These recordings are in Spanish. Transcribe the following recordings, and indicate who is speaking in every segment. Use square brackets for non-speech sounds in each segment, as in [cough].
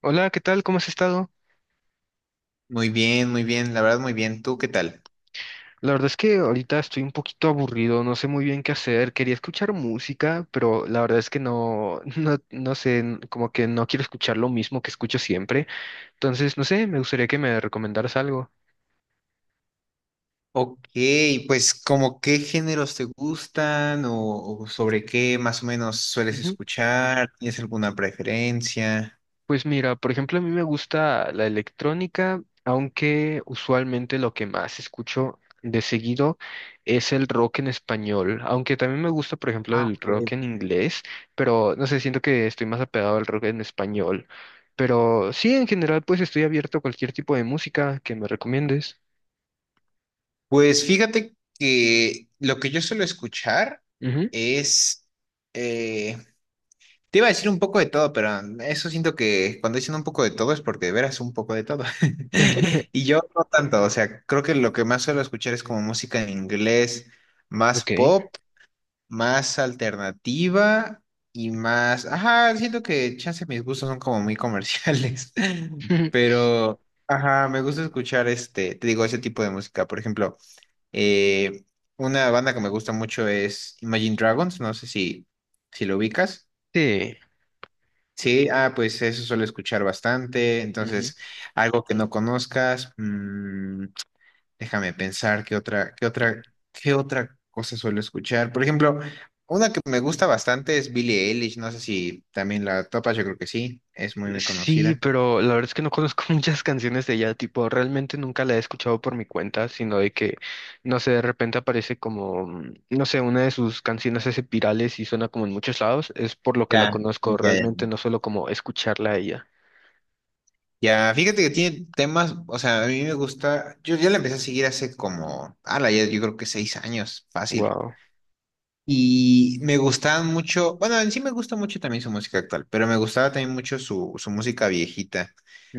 Speaker 1: Hola, ¿qué tal? ¿Cómo has estado?
Speaker 2: Muy bien, la verdad muy bien. ¿Tú qué tal?
Speaker 1: La verdad es que ahorita estoy un poquito aburrido, no sé muy bien qué hacer. Quería escuchar música, pero la verdad es que no, [laughs] no, no sé, como que no quiero escuchar lo mismo que escucho siempre. Entonces, no sé, me gustaría que me recomendaras algo.
Speaker 2: Ok, pues como qué géneros te gustan , o sobre qué más o menos sueles escuchar, ¿tienes alguna preferencia?
Speaker 1: Pues mira, por ejemplo, a mí me gusta la electrónica, aunque usualmente lo que más escucho de seguido es el rock en español, aunque también me gusta, por ejemplo,
Speaker 2: Ah,
Speaker 1: el
Speaker 2: ok.
Speaker 1: rock en inglés, pero no sé, siento que estoy más apegado al rock en español. Pero sí, en general, pues estoy abierto a cualquier tipo de música que me recomiendes.
Speaker 2: Pues fíjate que lo que yo suelo escuchar
Speaker 1: Ujú.
Speaker 2: es, eh, te iba a decir un poco de todo, pero eso siento que cuando dicen un poco de todo es porque de veras un poco de todo. [laughs] Y
Speaker 1: [laughs]
Speaker 2: yo no tanto, o sea, creo que lo que más suelo escuchar es como música en inglés, más
Speaker 1: Ok.
Speaker 2: pop, más alternativa y más, ajá, siento que chance mis gustos son como muy comerciales, [laughs]
Speaker 1: [laughs]
Speaker 2: pero ajá, me gusta escuchar este, te digo, ese tipo de música. Por ejemplo, eh, una banda que me gusta mucho es Imagine Dragons, no sé si lo ubicas.
Speaker 1: Sí.
Speaker 2: Sí, ah, pues eso suelo escuchar bastante,
Speaker 1: Ujú.
Speaker 2: entonces algo que no conozcas. Déjame pensar qué otra cosa suelo escuchar. Por ejemplo, una que me gusta bastante es Billie Eilish. No sé si también la topas, yo creo que sí. Es muy, muy
Speaker 1: Sí,
Speaker 2: conocida.
Speaker 1: pero la verdad es que no conozco [laughs] muchas canciones de ella, tipo, realmente nunca la he escuchado por mi cuenta, sino de que, no sé, de repente aparece como, no sé, una de sus canciones hace virales y suena como en muchos lados, es por lo que la
Speaker 2: Ya,
Speaker 1: conozco,
Speaker 2: ya,
Speaker 1: realmente
Speaker 2: ya.
Speaker 1: no solo como escucharla a ella.
Speaker 2: Ya, fíjate que tiene temas, o sea, a mí me gusta. Yo ya la empecé a seguir hace como, ala, ya yo creo que seis años, fácil.
Speaker 1: Wow.
Speaker 2: Y me gustaban mucho, bueno, en sí me gusta mucho también su música actual, pero me gustaba también mucho su música viejita.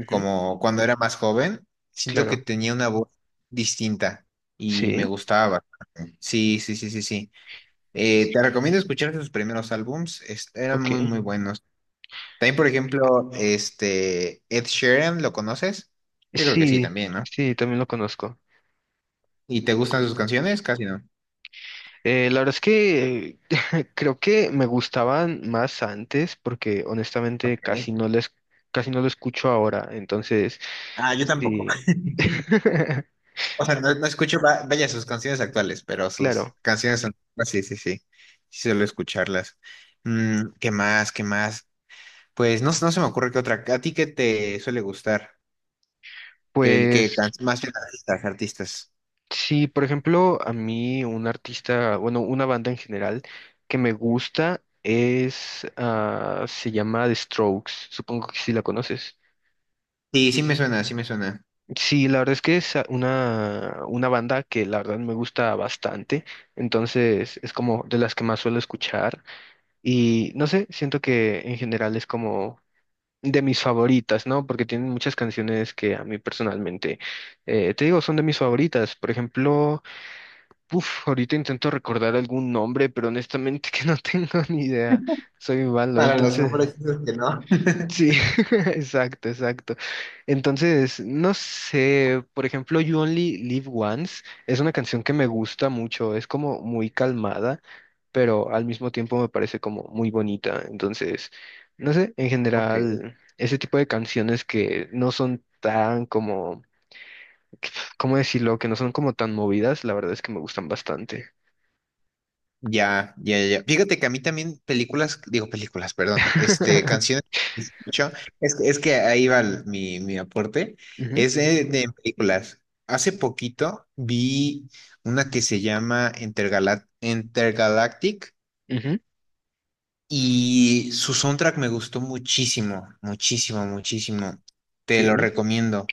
Speaker 2: Como cuando era más joven, siento que
Speaker 1: Claro.
Speaker 2: tenía una voz distinta y me
Speaker 1: Sí.
Speaker 2: gustaba bastante. Sí, sí, sí, sí, sí. Te recomiendo
Speaker 1: Ujú.
Speaker 2: escuchar sus primeros álbums, eran muy,
Speaker 1: Ok.
Speaker 2: muy buenos. También, por ejemplo, este, Ed Sheeran, ¿lo conoces? Yo creo que sí,
Speaker 1: Sí,
Speaker 2: también, ¿no?
Speaker 1: sí, también lo conozco.
Speaker 2: ¿Y te gustan sus canciones? Casi no.
Speaker 1: La verdad es que [laughs] creo que me gustaban más antes porque honestamente
Speaker 2: Ok.
Speaker 1: casi no les, casi no lo escucho ahora. Entonces,
Speaker 2: Ah, yo tampoco.
Speaker 1: sí.
Speaker 2: [laughs]
Speaker 1: [laughs]
Speaker 2: O sea, no, no escucho, vaya, sus canciones actuales, pero sus
Speaker 1: Claro,
Speaker 2: canciones antiguas, sí, sí, sí. Sí suelo escucharlas. Mm, ¿qué más? ¿Qué más? Pues no, no se me ocurre que otra. ¿A ti qué te suele gustar? ¿Qué,
Speaker 1: pues
Speaker 2: más bien artistas, artistas?
Speaker 1: sí, por ejemplo, a mí un artista, bueno, una banda en general que me gusta es, ah, se llama The Strokes, supongo que sí la conoces.
Speaker 2: Sí, sí me suena, sí me suena.
Speaker 1: Sí, la verdad es que es una banda que la verdad me gusta bastante, entonces es como de las que más suelo escuchar y no sé, siento que en general es como de mis favoritas, ¿no? Porque tienen muchas canciones que a mí personalmente, te digo, son de mis favoritas. Por ejemplo, uff, ahorita intento recordar algún nombre, pero honestamente [laughs] que no tengo ni idea, soy malo,
Speaker 2: Para los
Speaker 1: entonces...
Speaker 2: nombres, dices que no.
Speaker 1: Sí,
Speaker 2: [laughs]
Speaker 1: [laughs] exacto, exacto. Entonces, no sé, por ejemplo, You Only Live Once es una canción que me gusta mucho, es como muy calmada, pero al mismo tiempo me parece como muy bonita. Entonces, no sé, en
Speaker 2: Ok.
Speaker 1: general, ese tipo de canciones que no son tan como, ¿cómo decirlo? Que no son como tan movidas, la verdad es que me gustan bastante.
Speaker 2: Ya, ya, ya. Fíjate que a mí también películas, digo películas, perdón, este, canciones.
Speaker 1: [laughs]
Speaker 2: Yo- es que ahí va mi, mi aporte.
Speaker 1: Ujú,
Speaker 2: Es de películas. Hace poquito vi una que se llama Intergalactic
Speaker 1: ujú,
Speaker 2: y su soundtrack me gustó muchísimo, muchísimo, muchísimo. Te lo
Speaker 1: ok.
Speaker 2: recomiendo.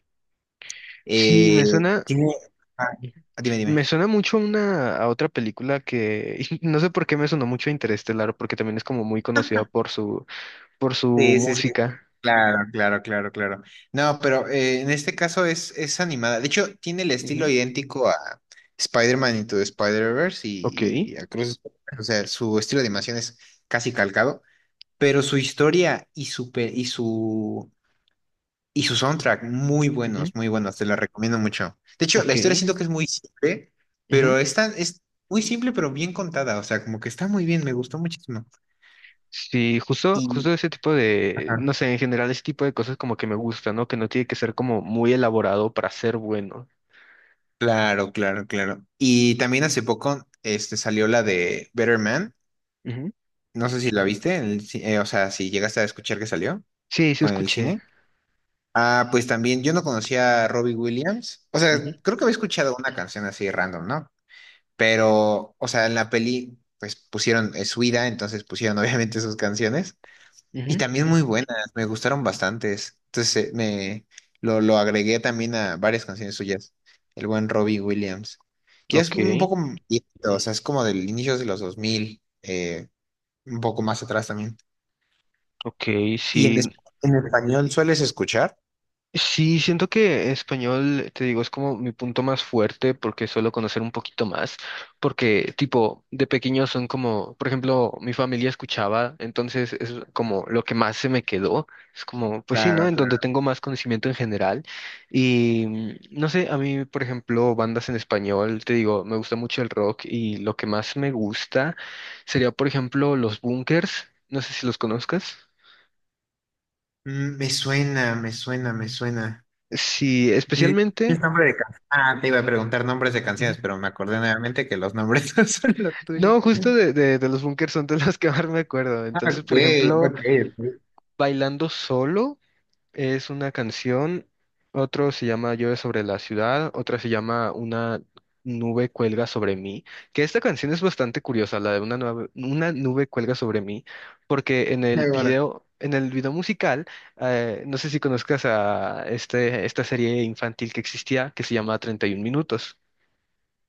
Speaker 1: Sí,
Speaker 2: Eh,
Speaker 1: me suena,
Speaker 2: tiene... ah,
Speaker 1: sí.
Speaker 2: dime,
Speaker 1: Me
Speaker 2: dime.
Speaker 1: suena mucho a una, a otra película que [laughs] no sé por qué me sonó mucho a Interestelar, porque también es como muy conocida por su
Speaker 2: Sí, sí, sí.
Speaker 1: música.
Speaker 2: Claro, claro, claro, claro. No, pero en este caso es animada. De hecho, tiene el estilo
Speaker 1: Ujú,
Speaker 2: idéntico a Spider-Man Into the Spider-Verse
Speaker 1: ok,
Speaker 2: y a Cruz. O sea, su estilo de animación es casi calcado, pero su historia y su, pe- y su soundtrack, muy
Speaker 1: ujú.
Speaker 2: buenos, muy buenos. Te la recomiendo mucho. De hecho, la historia
Speaker 1: Ok.
Speaker 2: siento que es muy simple,
Speaker 1: Ujú.
Speaker 2: pero es muy simple, pero bien contada. O sea, como que está muy bien, me gustó muchísimo.
Speaker 1: Sí, justo,
Speaker 2: Y,
Speaker 1: justo ese tipo de, no sé, en general ese tipo de cosas como que me gusta, ¿no? Que no tiene que ser como muy elaborado para ser bueno.
Speaker 2: claro, claro, claro. Y también hace poco este, salió la de Better Man.
Speaker 1: Ujú.
Speaker 2: No sé si la viste, en o sea, si llegaste a escuchar que salió
Speaker 1: Sí, sí
Speaker 2: en el
Speaker 1: escuché.
Speaker 2: cine. Ah, pues también yo no conocía a Robbie Williams. O
Speaker 1: Ujú,
Speaker 2: sea, creo que había escuchado una canción así random, ¿no? Pero, o sea, en la peli, pues pusieron su vida, entonces pusieron [laughs] obviamente sus canciones. Y
Speaker 1: ujú.
Speaker 2: también muy buenas, me gustaron bastantes. Entonces me lo agregué también a varias canciones suyas, el buen Robbie Williams. Ya es
Speaker 1: Ok,
Speaker 2: un poco viejito, o sea, es como del inicio de los 2000, un poco más atrás también.
Speaker 1: ok,
Speaker 2: ¿Y en,
Speaker 1: sí.
Speaker 2: en español sueles escuchar?
Speaker 1: Sí, siento que español, te digo, es como mi punto más fuerte porque suelo conocer un poquito más, porque tipo, de pequeño son como, por ejemplo, mi familia escuchaba, entonces es como lo que más se me quedó, es como, pues sí, ¿no?
Speaker 2: Claro,
Speaker 1: En donde
Speaker 2: claro.
Speaker 1: tengo más conocimiento en general y no sé, a mí, por ejemplo, bandas en español, te digo, me gusta mucho el rock y lo que más me gusta sería, por ejemplo, los Bunkers, no sé si los conozcas.
Speaker 2: Mm, me suena, me suena, me suena.
Speaker 1: Sí,
Speaker 2: Di- di
Speaker 1: especialmente.
Speaker 2: nombre de can- Ah, te iba a preguntar nombres de canciones, pero me acordé nuevamente que los nombres [laughs] no son los tuyos.
Speaker 1: No, justo de los Bunkers son de las que más me acuerdo.
Speaker 2: Ah,
Speaker 1: Entonces,
Speaker 2: ok,
Speaker 1: por ejemplo,
Speaker 2: ok, ok.
Speaker 1: Bailando Solo es una canción, otro se llama Llueve sobre la ciudad, otra se llama Una nube cuelga sobre mí, que esta canción es bastante curiosa, la de una nube cuelga sobre mí, porque
Speaker 2: Ahora.
Speaker 1: en el video musical, no sé si conozcas a este, esta serie infantil que existía, que se llama 31 minutos.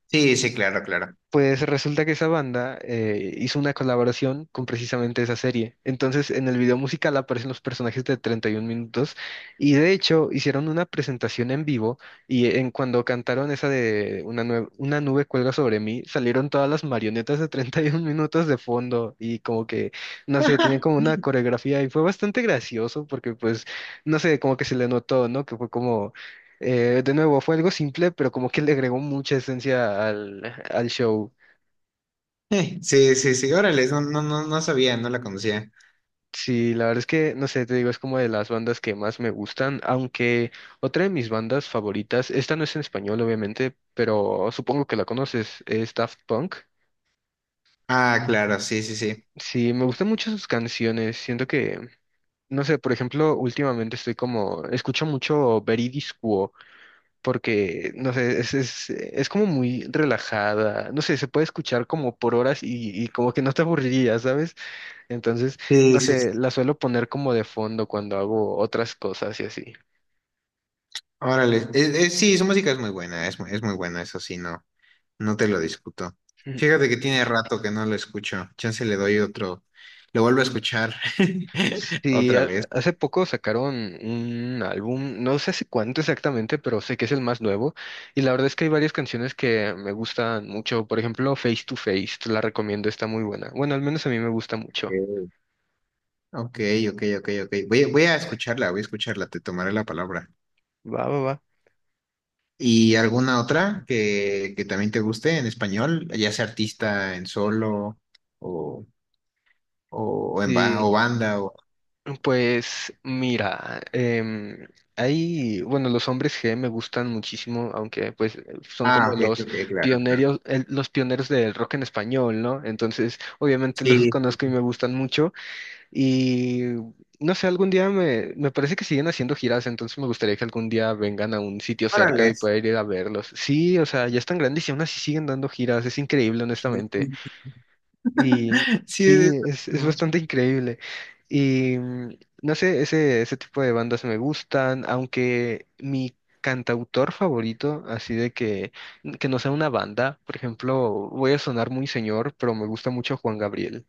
Speaker 2: Sí, sí, claro, claro.
Speaker 1: Pues resulta que esa banda hizo una colaboración con precisamente esa serie. Entonces, en el video musical aparecen los personajes de 31 minutos y de hecho hicieron una presentación en vivo y en cuando cantaron esa de una nube cuelga sobre mí, salieron todas las marionetas de 31 minutos de fondo y como que, no sé, tenían como una coreografía y fue bastante gracioso porque pues, no sé, como que se le notó, ¿no? Que fue como, de nuevo, fue algo simple, pero como que le agregó mucha esencia al, al show.
Speaker 2: [laughs] Sí, sí, sí, órale, no, no, no, no sabía, no la conocía.
Speaker 1: Sí, la verdad es que, no sé, te digo, es como de las bandas que más me gustan, aunque otra de mis bandas favoritas, esta no es en español, obviamente, pero supongo que la conoces, es Daft Punk.
Speaker 2: Ah, claro, sí, sí, sí.
Speaker 1: Sí, me gustan mucho sus canciones, siento que, no sé, por ejemplo, últimamente estoy como, escucho mucho Veridis Quo, porque, no sé, es como muy relajada, no sé, se puede escuchar como por horas y como que no te aburriría, ¿sabes? Entonces, no
Speaker 2: Sí, sí, sí.
Speaker 1: Sé, la suelo poner como de fondo cuando hago otras cosas y así.
Speaker 2: Órale, sí, su música es muy buena, es, es muy buena, eso sí, no, no te lo discuto.
Speaker 1: Ujú.
Speaker 2: Fíjate que tiene rato que no lo escucho, chance le doy otro, lo vuelvo a escuchar [laughs]
Speaker 1: Sí,
Speaker 2: otra vez.
Speaker 1: hace poco sacaron un álbum, no sé hace cuánto exactamente, pero sé que es el más nuevo. Y la verdad es que hay varias canciones que me gustan mucho. Por ejemplo, Face to Face, te la recomiendo, está muy buena. Bueno, al menos a mí me gusta mucho.
Speaker 2: Ok, ok, ok, ok. Voy a escucharla, te tomaré la palabra.
Speaker 1: Va, va, va.
Speaker 2: ¿Y alguna otra que también te guste en español, ya sea artista en solo o...
Speaker 1: Sí,
Speaker 2: o banda, o...
Speaker 1: pues mira, hay, bueno, los Hombres G me gustan muchísimo, aunque pues son
Speaker 2: Ah,
Speaker 1: como
Speaker 2: ok, ok,
Speaker 1: los
Speaker 2: ok, claro, claro.
Speaker 1: pioneros, los pioneros del rock en español, ¿no? Entonces, obviamente [laughs]
Speaker 2: Sí,
Speaker 1: los
Speaker 2: sí,
Speaker 1: conozco y
Speaker 2: sí.
Speaker 1: me gustan mucho. Y no sé, algún día me, me parece que siguen haciendo giras, entonces me gustaría que algún día vengan a un sitio cerca
Speaker 2: Órale.
Speaker 1: y pueda
Speaker 2: [laughs]
Speaker 1: ir a verlos. Sí, o sea, ya están grandes y aún así siguen dando giras, es increíble, honestamente. Y
Speaker 2: Sí, de eso
Speaker 1: sí, es
Speaker 2: mismo.
Speaker 1: bastante increíble. Y no sé, ese tipo de bandas me gustan, aunque mi cantautor favorito, así de que no sea una banda, por ejemplo, voy a sonar muy señor, pero me gusta mucho Juan Gabriel.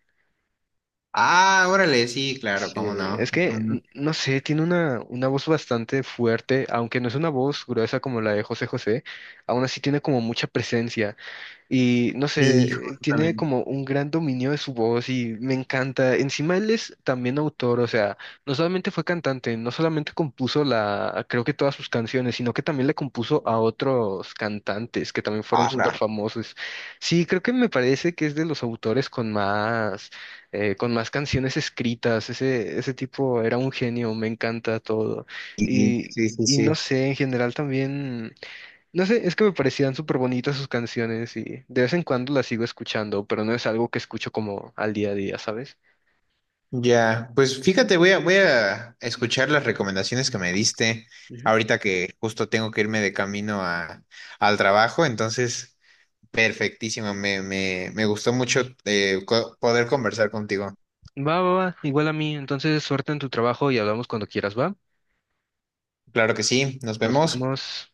Speaker 2: Ah, órale, sí, claro,
Speaker 1: Sí,
Speaker 2: cómo
Speaker 1: es
Speaker 2: no. Mm,
Speaker 1: que, no sé, tiene una voz bastante fuerte, aunque no es una voz gruesa como la de José José, aún así tiene como mucha presencia. Y no
Speaker 2: y
Speaker 1: sé, tiene
Speaker 2: justamente.
Speaker 1: como un gran dominio de su voz y me encanta. Encima él es también autor, o sea, no solamente fue cantante, no solamente compuso la, creo que todas sus canciones, sino que también le compuso a otros cantantes que también fueron
Speaker 2: Ala.
Speaker 1: súper famosos. Sí, creo que me parece que es de los autores con más canciones escritas. Ese tipo era un genio, me encanta todo.
Speaker 2: Sí,
Speaker 1: Y,
Speaker 2: sí, sí,
Speaker 1: y no
Speaker 2: sí.
Speaker 1: sé, en general también. No sé, es que me parecían súper bonitas sus canciones y de vez en cuando las sigo escuchando, pero no es algo que escucho como al día a día, ¿sabes?
Speaker 2: Ya, pues fíjate, voy a escuchar las recomendaciones que me diste
Speaker 1: Ujú.
Speaker 2: ahorita que justo tengo que irme de camino a, al trabajo, entonces, perfectísimo, me gustó mucho poder conversar contigo.
Speaker 1: Va, va, va, igual a mí. Entonces, suerte en tu trabajo y hablamos cuando quieras, ¿va?
Speaker 2: Claro que sí, nos
Speaker 1: Nos
Speaker 2: vemos.
Speaker 1: vemos.